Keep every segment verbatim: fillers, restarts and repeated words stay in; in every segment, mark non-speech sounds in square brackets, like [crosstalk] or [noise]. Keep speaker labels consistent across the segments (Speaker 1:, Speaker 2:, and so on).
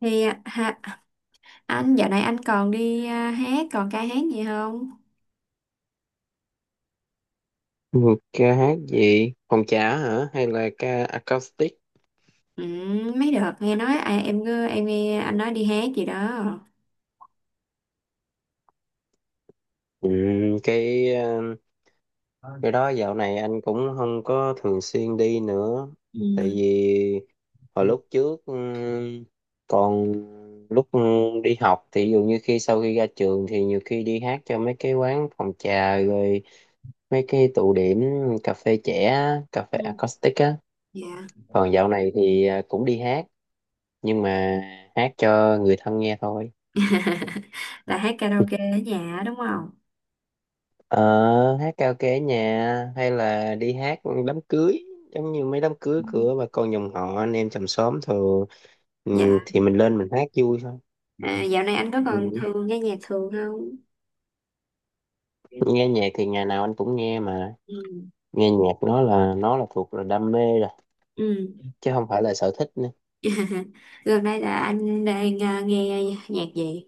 Speaker 1: Thì à, ha, anh dạo này anh còn đi à, hát còn ca hát gì không?
Speaker 2: Một ca hát gì? Phòng trà hả? Hay là ca acoustic?
Speaker 1: Ừ, mấy đợt nghe nói à, em nghe- em nghe anh nói đi hát gì đó.
Speaker 2: Ừ, cái ờ, cái đó dạo này anh cũng không có thường xuyên đi nữa. Tại
Speaker 1: Ừ.
Speaker 2: vì hồi lúc trước ừ, còn lúc ừ, đi học thì ví dụ như khi sau khi ra trường thì nhiều khi đi hát cho mấy cái quán phòng trà rồi mấy cái tụ điểm cà phê trẻ, á, cà phê
Speaker 1: Ừ,
Speaker 2: acoustic á.
Speaker 1: dạ.
Speaker 2: Còn dạo này thì ờ, cũng đi hát nhưng mà hát cho người thân nghe thôi.
Speaker 1: [laughs] Là hát karaoke ở nhà á, đúng không?
Speaker 2: Ờ, hát karaoke ở nhà hay là đi hát đám cưới giống như mấy đám
Speaker 1: Ừ.
Speaker 2: cưới của bà con dòng họ anh em chòm xóm thường ừ,
Speaker 1: Dạ.
Speaker 2: thì mình lên mình hát vui thôi.
Speaker 1: À, dạo này anh có còn
Speaker 2: Ừ.
Speaker 1: thường nghe nhạc thường không?
Speaker 2: Nghe nhạc thì ngày nào anh cũng nghe, mà
Speaker 1: Ừ.
Speaker 2: nghe nhạc nó là nó là thuộc là đam mê rồi,
Speaker 1: Ừ.
Speaker 2: chứ không phải là sở thích nữa.
Speaker 1: [laughs] Gần đây là anh đang à, nghe nhạc gì?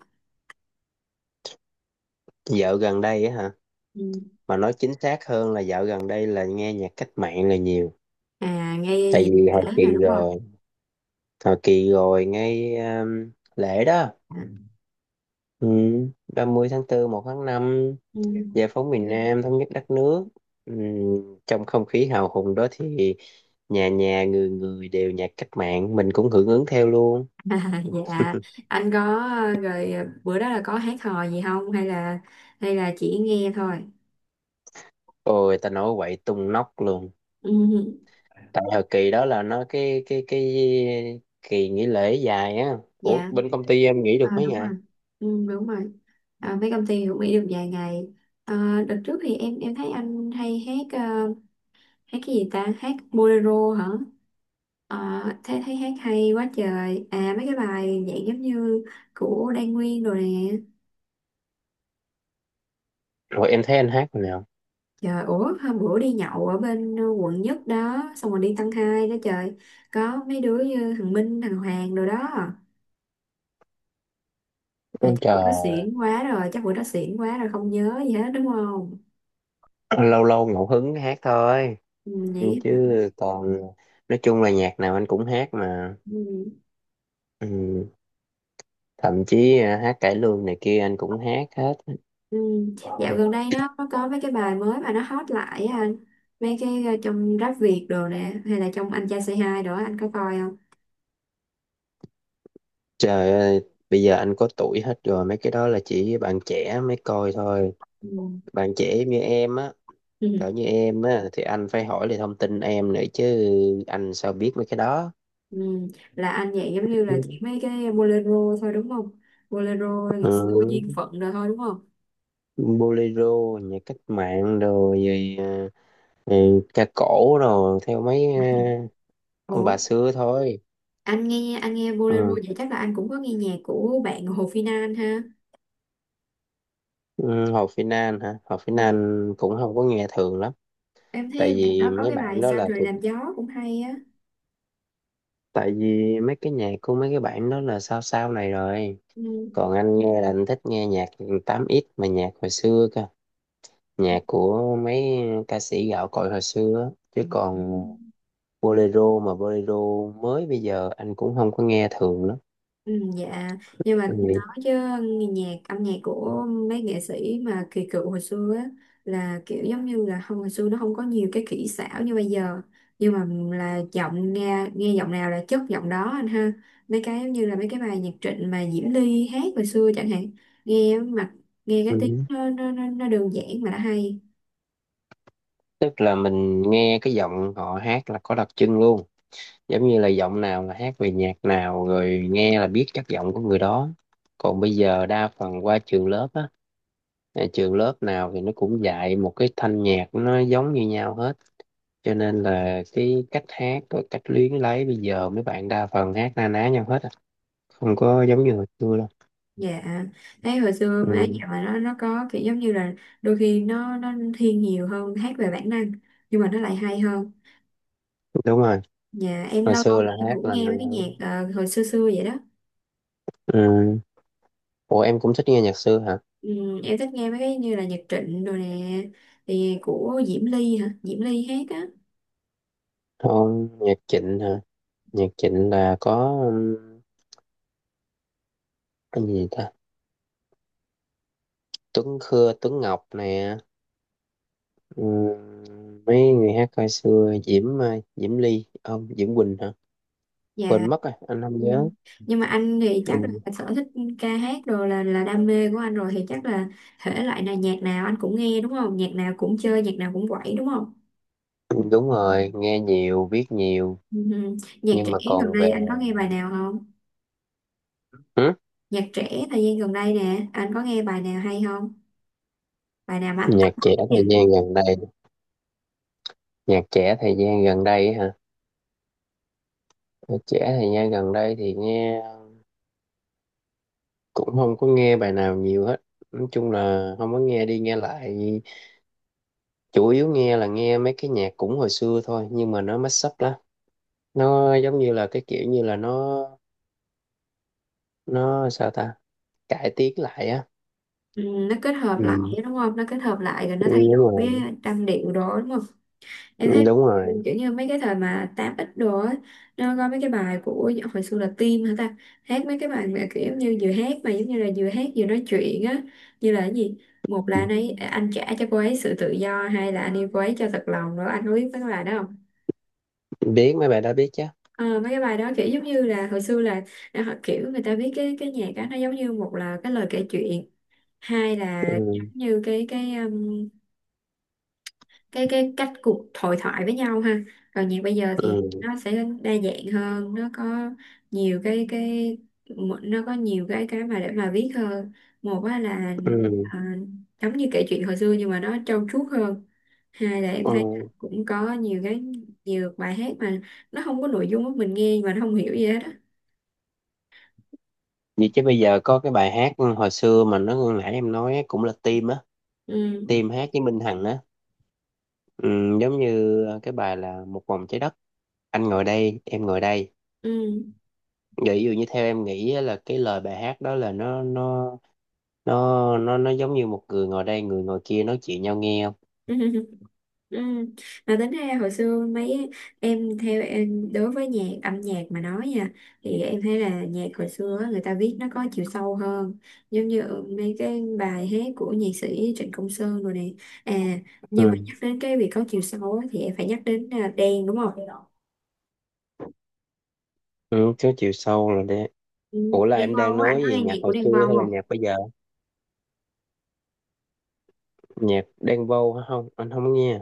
Speaker 2: Dạo gần đây á hả,
Speaker 1: Ừ.
Speaker 2: mà nói chính xác hơn là dạo gần đây là nghe nhạc cách mạng là nhiều.
Speaker 1: À, nghe
Speaker 2: Tại
Speaker 1: dịp
Speaker 2: vì hồi
Speaker 1: lễ rồi
Speaker 2: kỳ
Speaker 1: đúng không?
Speaker 2: rồi hồi kỳ rồi ngay um, lễ đó, ừ, ba mươi tháng tư, một tháng năm,
Speaker 1: Ừ.
Speaker 2: Giải phóng miền Nam thống nhất đất nước. Ừm, trong không khí hào hùng đó thì nhà nhà người người đều nhạc cách mạng, mình cũng hưởng ứng theo luôn.
Speaker 1: [laughs] À, dạ anh có ờ, rồi ờ, bữa đó là có hát hò gì không, hay là hay là chỉ nghe thôi?
Speaker 2: Ôi ta nói quậy tung nóc luôn.
Speaker 1: Ừ,
Speaker 2: Tại thời kỳ đó là nó cái cái cái kỳ nghỉ lễ dài á. Ủa
Speaker 1: dạ.
Speaker 2: bên công ty em nghỉ được
Speaker 1: À,
Speaker 2: mấy
Speaker 1: đúng rồi.
Speaker 2: ngày?
Speaker 1: Ừ, đúng rồi. À, mấy công ty cũng nghỉ được vài ngày. À, đợt trước thì em em thấy anh hay hát ờ, hát cái gì ta, hát bolero hả? À, thấy thấy hát hay quá trời à, mấy cái bài dạng giống như của Đan Nguyên rồi nè.
Speaker 2: Rồi em thấy anh hát rồi nào?
Speaker 1: Trời, ủa hôm bữa đi nhậu ở bên ờ, quận nhất đó. Xong rồi đi tăng hai đó trời. Có mấy đứa như thằng Minh, thằng Hoàng rồi đó. Trời,
Speaker 2: Ôi
Speaker 1: chắc bữa đó
Speaker 2: trời,
Speaker 1: xỉn quá rồi chắc bữa đó xỉn quá rồi không nhớ gì hết đúng không?
Speaker 2: lâu lâu ngẫu hứng hát thôi.
Speaker 1: Ừ,
Speaker 2: Ừ,
Speaker 1: vậy hả?
Speaker 2: chứ còn nói chung là nhạc nào anh cũng hát mà.
Speaker 1: Ừ.
Speaker 2: Ừ, thậm chí à, hát cải lương này kia anh cũng hát hết.
Speaker 1: Ừ. Dạo gần đây nó nó có mấy cái bài mới mà nó hot lại á anh. Mấy cái ờ, trong Rap Việt đồ nè, hay là trong Anh Trai Say Hi đó anh có coi không?
Speaker 2: Trời ơi, bây giờ anh có tuổi hết rồi, mấy cái đó là chỉ bạn trẻ mới coi thôi.
Speaker 1: Ừ.
Speaker 2: Bạn trẻ như em á, cỡ
Speaker 1: Ừ.
Speaker 2: như em á, thì anh phải hỏi lại thông tin em nữa chứ, anh sao biết mấy cái đó.
Speaker 1: Ừ. Là anh vậy giống như là chỉ mấy cái bolero thôi đúng không? Bolero là ngày xưa duyên
Speaker 2: Ừ,
Speaker 1: phận rồi thôi đúng không?
Speaker 2: bolero, nhạc cách mạng rồi, rồi ờ, ừ, ca cổ rồi, theo mấy ờ, ông
Speaker 1: Ủa,
Speaker 2: bà xưa thôi.
Speaker 1: anh nghe anh nghe bolero
Speaker 2: Ừ.
Speaker 1: vậy chắc là anh cũng có nghe nhạc của bạn Hồ Phi Nan ha.
Speaker 2: Ừ, Hồ Phi Nan hả? Hồ Phi
Speaker 1: Ừ,
Speaker 2: Nan cũng không có nghe thường lắm,
Speaker 1: em thấy
Speaker 2: tại
Speaker 1: bạn
Speaker 2: vì
Speaker 1: đó có
Speaker 2: mấy
Speaker 1: cái
Speaker 2: bạn
Speaker 1: bài
Speaker 2: đó
Speaker 1: Sao
Speaker 2: là
Speaker 1: trời
Speaker 2: thuộc,
Speaker 1: làm gió cũng hay á.
Speaker 2: tại vì mấy cái nhạc của mấy cái bạn đó là sao sao này rồi,
Speaker 1: Ừ.
Speaker 2: còn anh nghe là anh thích nghe nhạc tám x mà nhạc hồi xưa cơ, nhạc của mấy ca sĩ gạo cội hồi xưa á. Chứ còn bolero mà bolero mới bây giờ anh cũng không có nghe thường lắm.
Speaker 1: Ừ, dạ, nhưng mà
Speaker 2: Ừ.
Speaker 1: nói chứ nhạc âm nhạc của mấy nghệ sĩ mà kỳ cựu hồi xưa á, là kiểu giống như là không, hồi xưa nó không có nhiều cái kỹ xảo như bây giờ, nhưng mà là giọng nghe nghe giọng nào là chất giọng đó anh ha. Mấy cái giống như là mấy cái bài nhạc Trịnh mà Diễm Ly hát hồi xưa chẳng hạn, nghe mặt, nghe cái tiếng
Speaker 2: Ừ.
Speaker 1: nó nó nó, nó đơn giản mà đã hay.
Speaker 2: Tức là mình nghe cái giọng họ hát là có đặc trưng luôn, giống như là giọng nào là hát về nhạc nào rồi nghe là biết chất giọng của người đó. Còn bây giờ đa phần qua trường lớp á, à, trường lớp nào thì nó cũng dạy một cái thanh nhạc nó giống như nhau hết, cho nên là cái cách hát rồi cách luyến lấy bây giờ mấy bạn đa phần hát na ná nhau hết à. Không có giống như hồi xưa đâu.
Speaker 1: Dạ, thấy hồi xưa mấy cái
Speaker 2: Ừ,
Speaker 1: nhạc mà nó nó có kiểu giống như là đôi khi nó nó thiên nhiều hơn hát về bản năng, nhưng mà nó lại hay hơn.
Speaker 2: đúng rồi.
Speaker 1: Nhà em
Speaker 2: Hồi
Speaker 1: lâu lâu
Speaker 2: xưa
Speaker 1: thì
Speaker 2: là
Speaker 1: em
Speaker 2: hát
Speaker 1: cũng
Speaker 2: là
Speaker 1: nghe mấy cái nhạc ờ, hồi xưa xưa vậy đó.
Speaker 2: ừ. Ủa em cũng thích nghe nhạc xưa hả?
Speaker 1: Ừm, Em thích nghe mấy cái như là nhạc Trịnh rồi nè. Thì của Diễm Ly hả? Diễm Ly hát á.
Speaker 2: Không, nhạc Trịnh hả? Nhạc Trịnh là có, ừ, cái gì ta, Tuấn Khưa Tuấn Ngọc nè, ừ, mấy người hát hồi xưa, Diễm ờ, Diễm Ly không Diễm Quỳnh hả, quên
Speaker 1: Dạ.
Speaker 2: mất rồi anh không nhớ.
Speaker 1: Ừm, nhưng mà anh thì chắc là
Speaker 2: Ừ.
Speaker 1: sở thích ca hát rồi là là đam mê của anh rồi. Thì chắc là thể loại này nhạc nào anh cũng nghe đúng không? Nhạc nào cũng chơi, nhạc nào cũng quẩy đúng không?
Speaker 2: Đúng rồi, nghe nhiều biết nhiều.
Speaker 1: Ừm, Nhạc
Speaker 2: Nhưng
Speaker 1: trẻ
Speaker 2: mà
Speaker 1: gần
Speaker 2: còn về.
Speaker 1: đây anh có nghe bài nào không?
Speaker 2: Ừ.
Speaker 1: Nhạc trẻ thời gian gần đây nè, anh có nghe bài nào hay không? Bài nào mà anh tâm
Speaker 2: Nhạc trẻ
Speaker 1: đắc?
Speaker 2: thời gian gần đây, nhạc trẻ thời gian gần đây hả, nhạc trẻ thời gian gần đây thì nghe cũng không có nghe bài nào nhiều hết, nói chung là không có nghe đi nghe lại, chủ yếu nghe là nghe mấy cái nhạc cũng hồi xưa thôi nhưng mà nó mashup lắm. Nó giống như là cái kiểu như là nó nó sao ta, cải tiến lại á.
Speaker 1: Ừ, nó kết hợp lại
Speaker 2: Ừ.
Speaker 1: đúng không, nó kết hợp lại rồi nó
Speaker 2: Ừ,
Speaker 1: thay
Speaker 2: đúng
Speaker 1: đổi
Speaker 2: rồi.
Speaker 1: trăm điệu đó đúng không?
Speaker 2: Ừ,
Speaker 1: Em thấy
Speaker 2: đúng rồi.
Speaker 1: kiểu như mấy cái thời mà tám x đồ á, nó có mấy cái bài của hồi xưa là Tim hả ta, hát mấy cái bài mà kiểu như vừa hát mà giống như là vừa hát vừa nói chuyện á, như là cái gì, một là
Speaker 2: Ừ.
Speaker 1: anh ấy à, anh trả cho cô ấy sự tự do, hai là anh yêu cô ấy cho thật lòng rồi, anh có biết mấy cái bài đó không?
Speaker 2: Biết mấy bài đó, biết chứ.
Speaker 1: Ờ, mấy cái bài đó kiểu giống như là hồi xưa là là họ kiểu người ta viết cái cái nhạc á, nó giống như một là cái lời kể chuyện, hai là
Speaker 2: Ừ.
Speaker 1: giống như cái cái um, cái cái cách cuộc hội thoại với nhau ha, rồi nhạc bây giờ thì
Speaker 2: Ừ.
Speaker 1: nó sẽ đa dạng hơn, nó có nhiều cái cái, nó có nhiều cái cái mà để mà viết hơn, một á là
Speaker 2: Ừ.
Speaker 1: à, giống như kể chuyện hồi xưa nhưng mà nó trau chuốt hơn, hai là em thấy
Speaker 2: Ừ.
Speaker 1: cũng có nhiều cái, nhiều bài hát mà nó không có nội dung á, mình nghe mà nó không hiểu gì hết á.
Speaker 2: Vậy chứ bây giờ có cái bài hát ừ, hồi xưa mà nó nãy em nói á, cũng là Tim á,
Speaker 1: Ừ.
Speaker 2: Tim hát với Minh Hằng á, ừ, giống như ờ, cái bài là Một vòng trái đất, anh ngồi đây, em ngồi đây.
Speaker 1: Ừ.
Speaker 2: Vậy ví dụ như theo em nghĩ á, là cái lời bài hát đó là nó nó nó nó nó giống như một người ngồi đây, người ngồi kia nói chuyện nhau nghe không?
Speaker 1: [laughs] Ừ. Mà tính ra hồi xưa mấy, em theo em đối với nhạc âm nhạc mà nói nha, thì em thấy là nhạc hồi xưa á, người ta viết nó có chiều sâu hơn, giống như mấy cái bài hát của nhạc sĩ Trịnh Công Sơn rồi này à,
Speaker 2: Ừ,
Speaker 1: nhưng mà nhắc đến cái việc có chiều sâu á, thì em phải nhắc đến à, Đen đúng không?
Speaker 2: ừ có chiều sâu rồi đấy.
Speaker 1: Ừ.
Speaker 2: Ủa là
Speaker 1: Đen
Speaker 2: em đang
Speaker 1: Vâu á, anh
Speaker 2: nói
Speaker 1: có
Speaker 2: về
Speaker 1: nghe nhạc
Speaker 2: nhạc
Speaker 1: của
Speaker 2: hồi
Speaker 1: Đen
Speaker 2: xưa
Speaker 1: Vâu
Speaker 2: hay là
Speaker 1: không?
Speaker 2: nhạc bây giờ? Nhạc Đen Vâu hả? Không. Anh không nghe.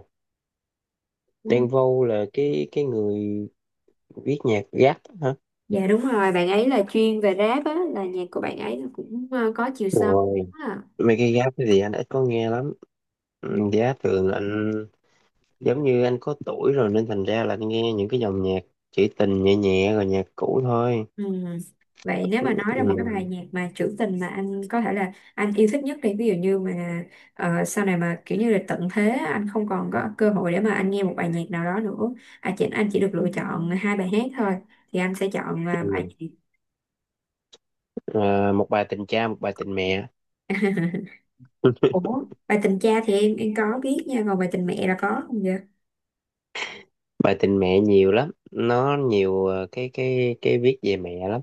Speaker 1: Ừ.
Speaker 2: Đen Vâu là cái cái người viết nhạc rap hả?
Speaker 1: Dạ đúng rồi, bạn ấy là chuyên về rap á, là nhạc của bạn ấy là cũng à, có chiều sâu.
Speaker 2: Rồi.
Speaker 1: Đúng. À.
Speaker 2: Mấy cái giáp cái gì anh ít có nghe lắm.
Speaker 1: Ừ.
Speaker 2: Ừ, Giá thường là anh, giống như anh có tuổi rồi nên thành ra là anh nghe những cái dòng nhạc trữ tình nhẹ nhẹ rồi nhạc cũ thôi.
Speaker 1: Ừ. Vậy nếu mà nói ra một cái bài
Speaker 2: Ừ.
Speaker 1: nhạc mà trữ tình mà anh có thể là anh yêu thích nhất đi, ví dụ như mà ờ, sau này mà kiểu như là tận thế anh không còn có cơ hội để mà anh nghe một bài nhạc nào đó nữa, à, chỉ, anh chỉ được lựa chọn hai bài hát thôi, thì anh sẽ chọn ờ, bài
Speaker 2: Ừ.
Speaker 1: gì?
Speaker 2: À, một bài tình cha, một bài tình mẹ.
Speaker 1: [laughs] Ủa bài tình cha thì em em có biết nha, còn bài tình mẹ là có không vậy?
Speaker 2: Bài tình mẹ nhiều lắm. Nó nhiều ờ, cái cái cái viết về mẹ lắm.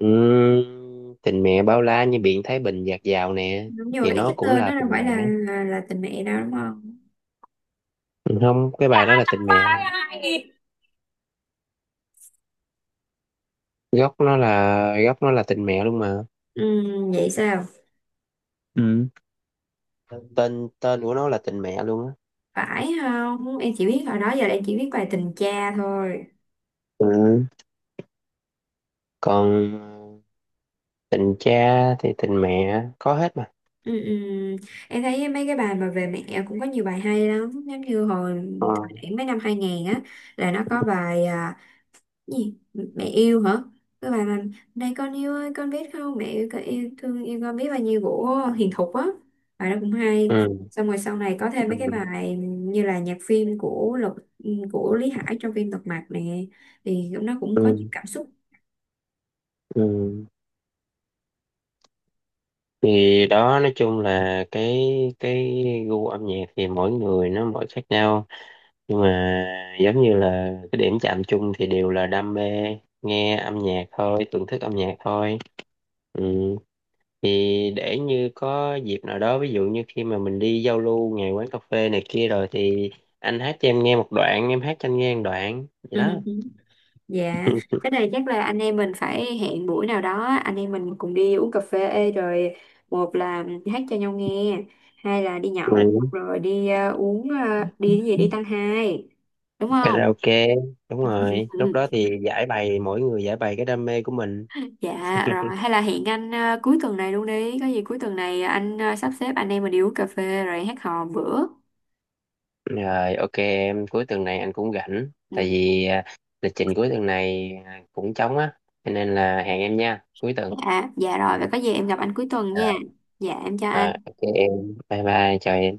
Speaker 2: Ừ. Tình mẹ bao la như biển Thái Bình dạt dào nè,
Speaker 1: Đúng, nhưng mà
Speaker 2: thì
Speaker 1: cái
Speaker 2: nó
Speaker 1: cái
Speaker 2: cũng
Speaker 1: tên
Speaker 2: là
Speaker 1: nó đâu
Speaker 2: tình
Speaker 1: phải là
Speaker 2: mẹ.
Speaker 1: là là tình mẹ đâu đúng không?
Speaker 2: Ừ, không, cái bài đó là tình mẹ. Gốc nó là gốc nó là tình mẹ luôn mà.
Speaker 1: Ừ, vậy sao,
Speaker 2: Ừ. Tên tên của nó là tình mẹ luôn á.
Speaker 1: phải không, em chỉ biết hồi đó giờ là em chỉ biết bài tình cha thôi.
Speaker 2: Ừ. Còn tình cha thì tình mẹ có hết mà.
Speaker 1: Ừ, ừ. Em thấy mấy cái bài mà về mẹ cũng có nhiều bài hay lắm, giống như hồi
Speaker 2: Ờ,
Speaker 1: thời điểm mấy năm hai nghìn á, là nó có bài à, gì mẹ yêu hả, cái bài mà này con yêu ơi con biết không mẹ yêu con yêu thương yêu con biết bao nhiêu của Hiền Thục á, bài đó cũng hay.
Speaker 2: ừ.
Speaker 1: Xong rồi sau này có thêm
Speaker 2: Ừ.
Speaker 1: mấy cái bài như là nhạc phim của Lục ừ, của Lý Hải trong phim Lật Mặt nè, thì nó cũng có những
Speaker 2: Ừ.
Speaker 1: cảm xúc.
Speaker 2: Ừ. Thì đó, nói chung là cái cái gu âm nhạc thì mỗi người nó mỗi khác nhau, nhưng mà giống như là cái điểm chạm chung thì đều là đam mê nghe âm nhạc thôi, thưởng thức âm nhạc thôi. Ừ. Thì để như có dịp nào đó ví dụ như khi mà mình đi giao lưu ngày quán cà phê này kia rồi thì anh hát cho em nghe một đoạn, em hát cho anh nghe một đoạn vậy
Speaker 1: Ừ.
Speaker 2: đó.
Speaker 1: Dạ, cái này chắc là anh em mình phải hẹn buổi nào đó anh em mình cùng đi uống cà phê ê, rồi một là hát cho nhau nghe, hai là đi nhậu
Speaker 2: Ừ,
Speaker 1: rồi đi ờ, uống ờ, đi cái gì đi tăng hai, đúng không?
Speaker 2: karaoke, đúng rồi,
Speaker 1: [laughs] Ừ.
Speaker 2: lúc đó thì giải bày, mỗi người giải bày cái đam mê của mình.
Speaker 1: Dạ rồi, hay là hẹn anh ờ, cuối tuần này luôn đi, có gì cuối tuần này anh ờ, sắp xếp anh em mình đi uống cà phê rồi hát hò bữa.
Speaker 2: Rồi ok em, cuối tuần này anh cũng rảnh, tại
Speaker 1: Ừ.
Speaker 2: vì à, lịch trình cuối tuần này à, cũng trống á, cho nên là hẹn em nha cuối tuần.
Speaker 1: Dạ, dạ rồi, vậy có gì em gặp anh cuối tuần
Speaker 2: à,
Speaker 1: nha. Dạ em chào
Speaker 2: à,
Speaker 1: anh.
Speaker 2: ok em, bye bye, chào em.